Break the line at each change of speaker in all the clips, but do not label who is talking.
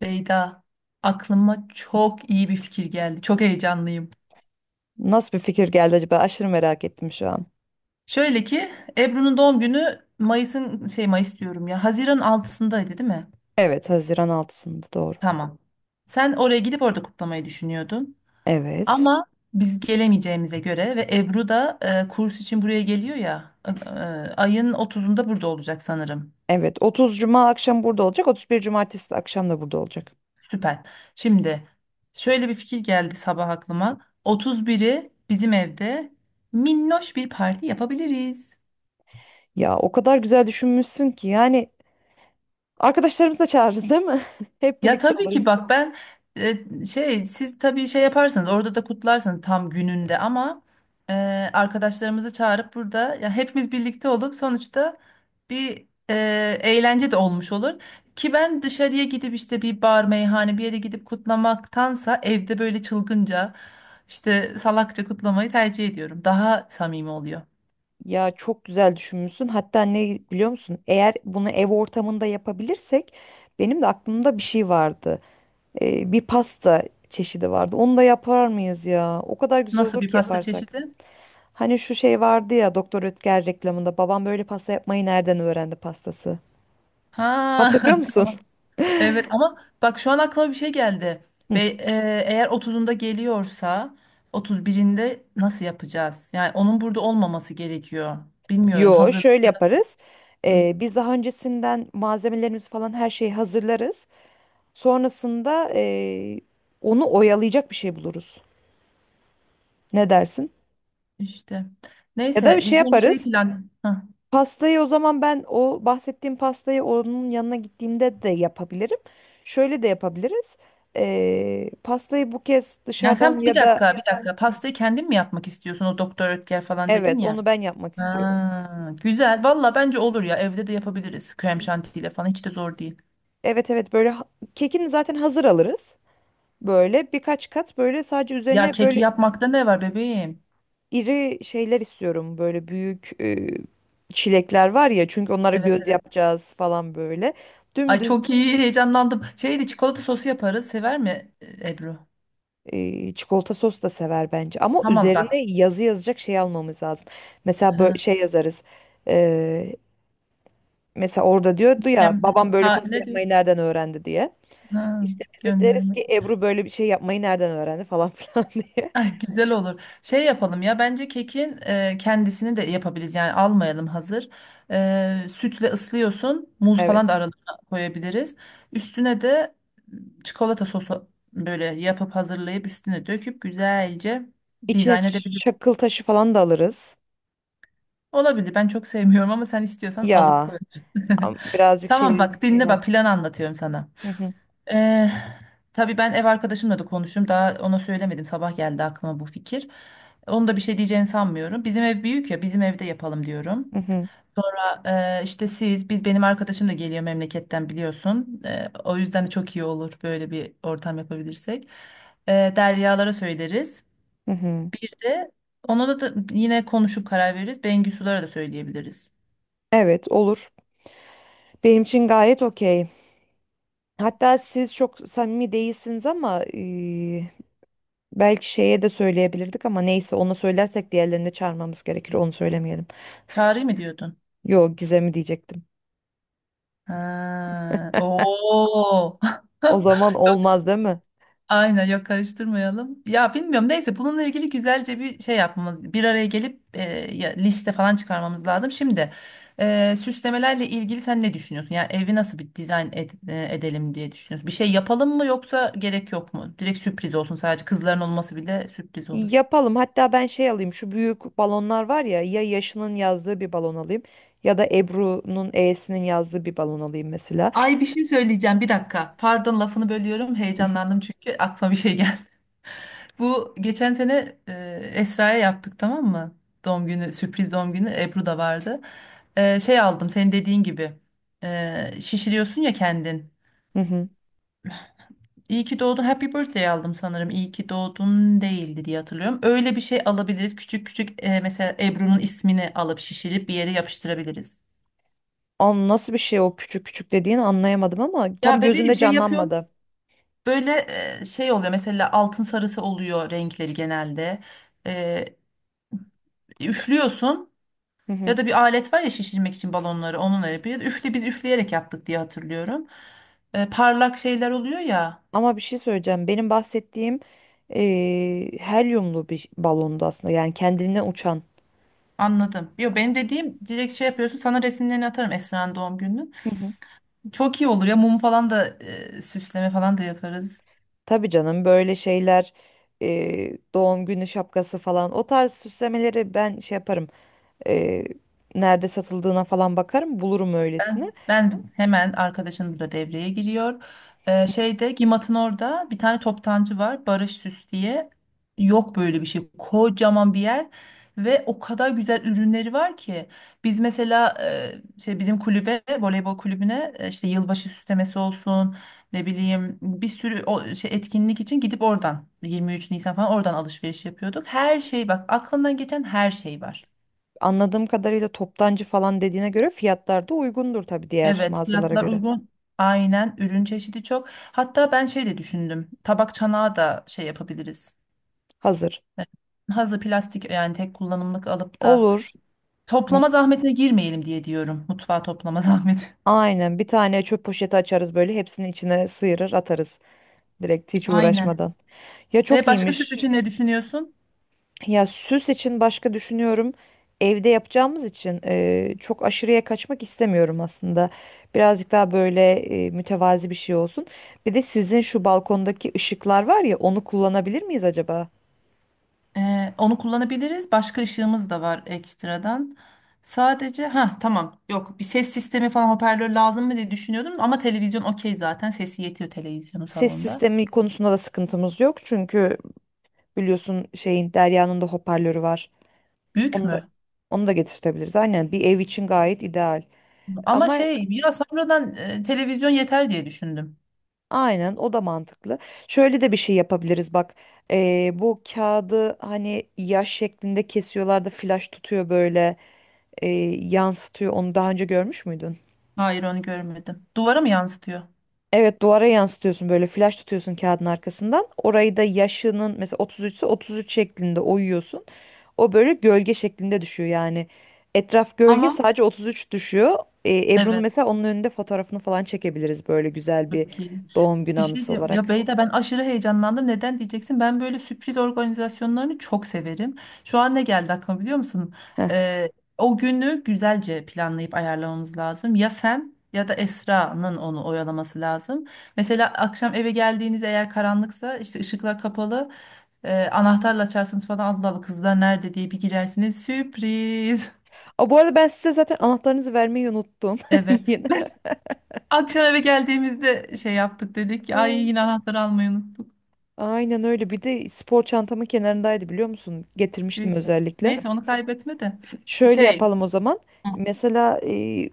Beyda, aklıma çok iyi bir fikir geldi. Çok heyecanlıyım.
Nasıl bir fikir geldi acaba? Aşırı merak ettim şu an.
Şöyle ki Ebru'nun doğum günü Mayıs'ın Mayıs diyorum ya. Haziran altısındaydı, değil mi?
Evet, Haziran 6'sında doğru.
Tamam. Sen oraya gidip orada kutlamayı düşünüyordun.
Evet.
Ama biz gelemeyeceğimize göre ve Ebru da kurs için buraya geliyor ya. Ayın otuzunda burada olacak sanırım.
Evet, 30 Cuma akşam burada olacak. 31 Cumartesi de akşam da burada olacak.
Süper. Şimdi şöyle bir fikir geldi sabah aklıma. Otuz biri bizim evde minnoş bir parti yapabiliriz.
Ya o kadar güzel düşünmüşsün ki yani arkadaşlarımızı da çağırırız değil mi? Hep
Ya
birlikte
tabii ki
oluruz.
bak ben siz tabii yaparsınız orada da kutlarsınız tam gününde ama e, arkadaşlarımızı çağırıp burada ya hepimiz birlikte olup sonuçta bir eğlence de olmuş olur. Ki ben dışarıya gidip işte bir bar meyhane bir yere gidip kutlamaktansa evde böyle çılgınca işte salakça kutlamayı tercih ediyorum. Daha samimi oluyor.
Ya çok güzel düşünmüşsün. Hatta ne biliyor musun? Eğer bunu ev ortamında yapabilirsek benim de aklımda bir şey vardı. Bir pasta çeşidi vardı. Onu da yapar mıyız ya? O kadar güzel
Nasıl
olur
bir
ki
pasta
yaparsak.
çeşidi?
Hani şu şey vardı ya Doktor Ötker reklamında babam böyle pasta yapmayı nereden öğrendi pastası?
Ha.
Hatırlıyor musun?
Evet ama bak şu an aklıma bir şey geldi.
Hı.
Ve eğer 30'unda geliyorsa 31'inde nasıl yapacağız? Yani onun burada olmaması gerekiyor. Bilmiyorum,
Yo, şöyle
hazırlıklar.
yaparız.
Hı.
Biz daha öncesinden malzemelerimizi falan her şeyi hazırlarız. Sonrasında onu oyalayacak bir şey buluruz. Ne dersin?
İşte.
Ya da bir
Neyse
şey
ilk önce
yaparız.
plan. Hı.
Pastayı o zaman ben o bahsettiğim pastayı onun yanına gittiğimde de yapabilirim. Şöyle de yapabiliriz. Pastayı bu kez
Yani
dışarıdan
sen bir
ya da.
dakika bir dakika pastayı kendin mi yapmak istiyorsun? O Doktor Ötker falan dedin
Evet,
ya.
onu ben yapmak istiyorum.
Ha, güzel. Valla bence olur ya, evde de yapabiliriz. Krem şantiyle falan hiç de zor değil.
Evet, evet, böyle kekini zaten hazır alırız. Böyle birkaç kat böyle sadece
Ya
üzerine
keki
böyle
yapmakta ne var bebeğim?
iri şeyler istiyorum. Böyle büyük çilekler var ya çünkü onlara
Evet,
göz
evet.
yapacağız falan böyle.
Ay
Dümdüz.
çok iyi, heyecanlandım. Şeydi, çikolata sosu yaparız. Sever mi Ebru?
Çikolata sos da sever bence. Ama
Tamam bak.
üzerine yazı yazacak şey almamız lazım. Mesela böyle
Ha,
şey yazarız. Ee, mesela orada diyordu ya
hem,
babam böyle
ha,
pasta
ne
yapmayı
diyorsun?
nereden öğrendi diye.
Ha,
İşte biz de deriz
gönderme.
ki Ebru böyle bir şey yapmayı nereden öğrendi falan filan diye.
Ay, güzel olur. Şey yapalım ya, bence kekin kendisini de yapabiliriz. Yani almayalım hazır. E, sütle ıslıyorsun. Muz falan
Evet.
da aralarına koyabiliriz. Üstüne de çikolata sosu böyle yapıp hazırlayıp üstüne döküp güzelce
İçine
dizayn edebiliriz.
çakıl taşı falan da alırız.
Olabilir. Ben çok sevmiyorum ama sen istiyorsan alıp
Ya
koyabilirsin.
birazcık
Tamam
şey
bak dinle,
açısından.
bak plan anlatıyorum sana.
Hı hı,
Ee, tabii ben ev arkadaşımla da konuştum. Daha ona söylemedim. Sabah geldi aklıma bu fikir. Onu da bir şey diyeceğini sanmıyorum. Bizim ev büyük ya, bizim evde yapalım diyorum.
hı hı,
İşte siz biz, benim arkadaşım da geliyor memleketten biliyorsun. O yüzden de çok iyi olur böyle bir ortam yapabilirsek. Deryalara söyleriz.
hı hı.
Bir de ona da yine konuşup karar veririz. Bengisulara da söyleyebiliriz.
Evet, olur. Benim için gayet okey. Hatta siz çok samimi değilsiniz ama belki şeye de söyleyebilirdik ama neyse ona söylersek diğerlerini de çağırmamız gerekir. Onu söylemeyelim.
Çağrı'yı mı diyordun?
Yo, Gizem'i diyecektim.
Ha, oo.
O zaman
Yok,
olmaz değil mi?
aynen, yok karıştırmayalım. Ya bilmiyorum, neyse bununla ilgili güzelce bir şey yapmamız, bir araya gelip ya, liste falan çıkarmamız lazım. Şimdi süslemelerle ilgili sen ne düşünüyorsun? Yani evi nasıl bir edelim diye düşünüyorsun? Bir şey yapalım mı yoksa gerek yok mu? Direkt sürpriz olsun, sadece kızların olması bile sürpriz olur.
Yapalım. Hatta ben şey alayım. Şu büyük balonlar var ya, ya Yaşı'nın yazdığı bir balon alayım ya da Ebru'nun E'sinin yazdığı bir balon alayım mesela.
Ay bir şey söyleyeceğim bir dakika. Pardon, lafını bölüyorum.
Hı hı.
Heyecanlandım çünkü aklıma bir şey. Bu geçen sene Esra'ya yaptık, tamam mı? Doğum günü, sürpriz doğum günü, Ebru da vardı. E, şey aldım senin dediğin gibi. E, şişiriyorsun ya kendin.
Hı hı.
İyi ki doğdun. Happy birthday aldım sanırım. İyi ki doğdun değildi diye hatırlıyorum. Öyle bir şey alabiliriz. Küçük küçük mesela Ebru'nun ismini alıp şişirip bir yere yapıştırabiliriz.
An, nasıl bir şey o küçük küçük dediğini anlayamadım ama tam
Ya bebeğim
gözümde
şey yapıyorum.
canlanmadı.
Böyle oluyor. Mesela altın sarısı oluyor renkleri genelde. E, üflüyorsun.
Hı
Ya
hı.
da bir alet var ya, şişirmek için balonları onunla yapıyor. Ya da üfle, biz üfleyerek yaptık diye hatırlıyorum. E, parlak şeyler oluyor ya.
Ama bir şey söyleyeceğim. Benim bahsettiğim helyumlu bir balondu aslında. Yani kendinden uçan.
Anladım. Yo, benim dediğim direkt şey yapıyorsun. Sana resimlerini atarım Esra'nın doğum gününün.
Hı hı.
Çok iyi olur ya, mum falan da süsleme falan da yaparız.
Tabii canım, böyle şeyler, doğum günü şapkası falan, o tarz süslemeleri ben şey yaparım. e, Nerede satıldığına falan bakarım, bulurum öylesini.
Ben hemen, arkadaşım burada devreye giriyor. Şeyde, Gimat'ın orada bir tane toptancı var, Barış Süs diye. Yok böyle bir şey. Kocaman bir yer ve o kadar güzel ürünleri var ki. Biz mesela bizim kulübe, voleybol kulübüne işte yılbaşı süslemesi olsun, ne bileyim bir sürü o, şey etkinlik için gidip oradan 23 Nisan falan oradan alışveriş yapıyorduk. Her şey bak, aklından geçen her şey var.
Anladığım kadarıyla toptancı falan dediğine göre fiyatlar da uygundur tabii diğer
Evet,
mağazalara
fiyatlar
göre.
uygun. Aynen, ürün çeşidi çok. Hatta ben şey de düşündüm. Tabak çanağı da şey yapabiliriz.
Hazır.
E, hazır plastik yani tek kullanımlık alıp da
Olur. M-
toplama zahmetine girmeyelim diye diyorum. Mutfağa toplama zahmeti.
Aynen, bir tane çöp poşeti açarız böyle, hepsini içine sıyırır atarız. Direkt hiç
Aynen.
uğraşmadan. Ya
Ve
çok
başka süs
iyiymiş.
için ne düşünüyorsun?
Ya süs için başka düşünüyorum. Evde yapacağımız için çok aşırıya kaçmak istemiyorum aslında. Birazcık daha böyle mütevazi bir şey olsun. Bir de sizin şu balkondaki ışıklar var ya, onu kullanabilir miyiz acaba?
E, onu kullanabiliriz. Başka ışığımız da var ekstradan. Sadece ha tamam, yok bir ses sistemi falan, hoparlör lazım mı diye düşünüyordum ama televizyon okey, zaten sesi yetiyor televizyonun
Ses
salonda.
sistemi konusunda da sıkıntımız yok. Çünkü biliyorsun şeyin, Derya'nın da hoparlörü var.
Büyük
Onu da
mü?
onu da getirtebiliriz. Aynen, bir ev için gayet ideal.
Ama
Ama.
şey ya, sonradan televizyon yeter diye düşündüm.
Aynen, o da mantıklı. Şöyle de bir şey yapabiliriz bak. Bu kağıdı hani yaş şeklinde kesiyorlar da flaş tutuyor böyle, yansıtıyor. Onu daha önce görmüş müydün?
Hayır, onu görmedim. Duvara mı yansıtıyor?
Evet, duvara yansıtıyorsun, böyle flaş tutuyorsun kağıdın arkasından. Orayı da yaşının mesela 33 ise 33 şeklinde oyuyorsun. O böyle gölge şeklinde düşüyor yani. Etraf gölge,
Ama
sadece 33 düşüyor. Ebru'nun
evet,
mesela onun önünde fotoğrafını falan çekebiliriz böyle, güzel bir
çok iyi.
doğum günü
Bir şey
anısı
diyeyim. Ya
olarak.
Beyda, ben aşırı heyecanlandım. Neden diyeceksin? Ben böyle sürpriz organizasyonlarını çok severim. Şu an ne geldi aklıma biliyor musun? Ee, O günü güzelce planlayıp ayarlamamız lazım. Ya sen ya da Esra'nın onu oyalaması lazım. Mesela akşam eve geldiğiniz, eğer karanlıksa işte ışıklar kapalı. Anahtarla açarsınız falan, Allah Allah kızlar nerede diye bir girersiniz. Sürpriz.
Aa, bu arada ben size zaten anahtarınızı vermeyi unuttum.
Evet.
Yine.
Akşam eve geldiğimizde şey yaptık dedik ki, ay
Hı.
yine anahtarı almayı unuttuk.
Aynen öyle. Bir de spor çantamın kenarındaydı biliyor musun? Getirmiştim
Tüh.
özellikle.
Neyse onu kaybetme de.
Şöyle
Şey,
yapalım o zaman. Mesela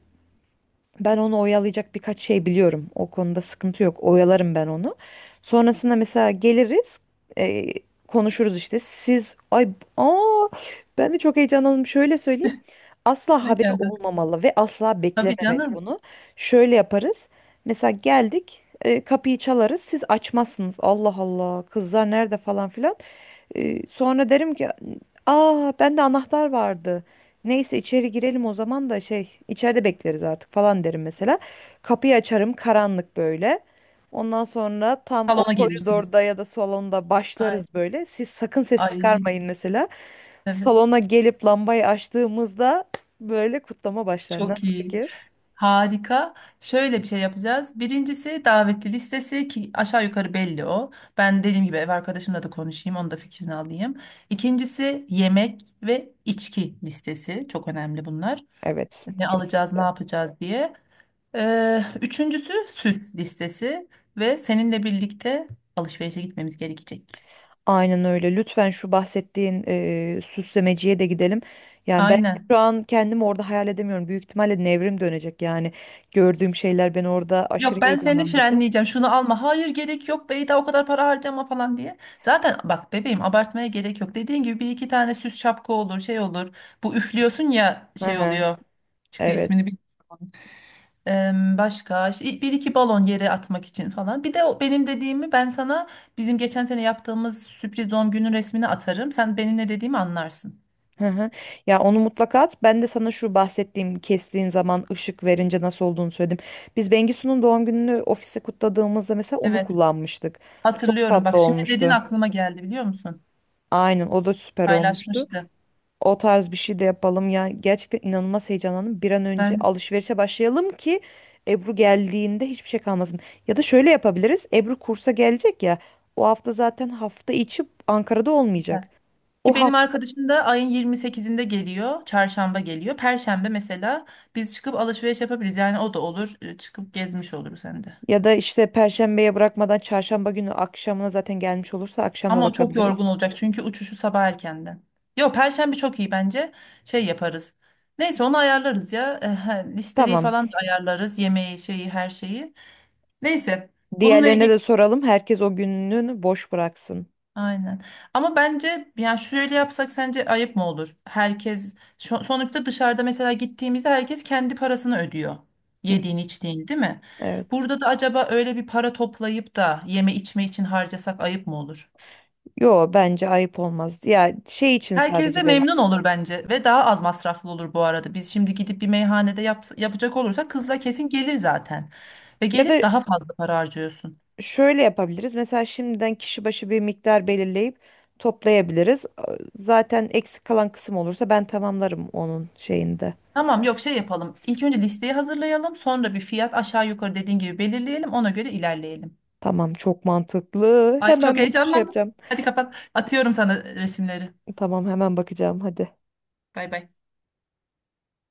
ben onu oyalayacak birkaç şey biliyorum. O konuda sıkıntı yok. Oyalarım ben onu. Sonrasında mesela geliriz. e, Konuşuruz işte. Siz, ay, aa, ben de çok heyecanlandım. Şöyle söyleyeyim. Asla
ne
haberi
geldi?
olmamalı ve asla
Tabii
beklememeli
canım.
bunu. Şöyle yaparız. Mesela geldik, kapıyı çalarız, siz açmazsınız. Allah Allah, kızlar nerede falan filan. Sonra derim ki aa, bende anahtar vardı. Neyse, içeri girelim o zaman, da şey, içeride bekleriz artık falan derim mesela. Kapıyı açarım, karanlık böyle. Ondan sonra tam o
Salona gelirsiniz.
koridorda ya da salonda
Ay,
başlarız böyle. Siz sakın ses
ay
çıkarmayın mesela.
evet,
Salona gelip lambayı açtığımızda böyle kutlama başlar.
çok
Nasıl
iyi.
fikir?
Harika. Şöyle bir şey yapacağız. Birincisi davetli listesi, ki aşağı yukarı belli o. Ben dediğim gibi ev arkadaşımla da konuşayım, onun da fikrini alayım. İkincisi yemek ve içki listesi. Çok önemli bunlar.
Evet,
Ne alacağız, ne
kesinlikle.
yapacağız diye. Üçüncüsü süs listesi ve seninle birlikte alışverişe gitmemiz gerekecek.
Aynen öyle. Lütfen şu bahsettiğin süslemeciye de gidelim. Yani ben
Aynen.
şu an kendimi orada hayal edemiyorum. Büyük ihtimalle nevrim dönecek yani. Gördüğüm şeyler beni orada aşırı
Yok, ben seni
heyecanlandıracak.
frenleyeceğim. Şunu alma. Hayır gerek yok Beyda, o kadar para harcama falan diye. Zaten bak bebeğim, abartmaya gerek yok. Dediğin gibi bir iki tane süs, şapka olur, şey olur. Bu üflüyorsun ya
Hı
şey
hı.
oluyor. Çıkıyor,
Evet.
ismini bilmiyorum. Em, başka işte bir iki balon yere atmak için falan. Bir de o benim dediğimi ben sana, bizim geçen sene yaptığımız sürpriz doğum günün resmini atarım. Sen benim ne dediğimi anlarsın.
Hı hı. Ya onu mutlaka at. Ben de sana şu bahsettiğim kestiğin zaman ışık verince nasıl olduğunu söyledim. Biz Bengisu'nun doğum gününü ofiste kutladığımızda mesela onu
Evet,
kullanmıştık. Çok
hatırlıyorum.
tatlı
Bak şimdi dedin
olmuştu.
aklıma geldi, biliyor musun?
Aynen, o da süper olmuştu.
Paylaşmıştı.
O tarz bir şey de yapalım. Ya gerçekten inanılmaz heyecanlandım. Bir an önce
Ben.
alışverişe başlayalım ki Ebru geldiğinde hiçbir şey kalmasın. Ya da şöyle yapabiliriz. Ebru kursa gelecek ya. O hafta zaten hafta içi Ankara'da olmayacak. O
Ki benim
hafta,
arkadaşım da ayın 28'inde geliyor. Çarşamba geliyor. Perşembe mesela biz çıkıp alışveriş yapabiliriz. Yani o da olur. Çıkıp gezmiş oluruz hem de.
ya da işte, Perşembeye bırakmadan Çarşamba günü akşamına zaten gelmiş olursa akşam da
Ama o çok
bakabiliriz.
yorgun olacak çünkü uçuşu sabah erkenden. Yo, Perşembe çok iyi bence. Şey yaparız. Neyse onu ayarlarız ya. Listeyi
Tamam.
falan da ayarlarız. Yemeği, şeyi, her şeyi. Neyse. Bununla
Diğerlerine
ilgili
de soralım. Herkes o gününü boş bıraksın.
aynen. Ama bence yani şöyle yapsak sence ayıp mı olur? Herkes sonuçta dışarıda mesela gittiğimizde herkes kendi parasını ödüyor.
Hı,
Yediğin içtiğin, değil mi?
evet.
Burada da acaba öyle bir para toplayıp da yeme içme için harcasak ayıp mı olur?
Yo, bence ayıp olmaz. Ya şey için
Herkes de
sadece deriz.
memnun olur bence ve daha az masraflı olur bu arada. Biz şimdi gidip bir meyhanede yapacak olursak kızla kesin gelir zaten. Ve
Ya
gelip
da
daha fazla para harcıyorsun.
şöyle yapabiliriz. Mesela şimdiden kişi başı bir miktar belirleyip toplayabiliriz. Zaten eksik kalan kısım olursa ben tamamlarım onun şeyinde.
Tamam yok, şey yapalım. İlk önce listeyi hazırlayalım. Sonra bir fiyat aşağı yukarı dediğin gibi belirleyelim. Ona göre ilerleyelim.
Tamam, çok mantıklı.
Ay çok
Hemen bunu şey
heyecanlandım.
yapacağım.
Hadi kapat. Atıyorum sana resimleri.
Tamam, hemen bakacağım. Hadi.
Bay bay.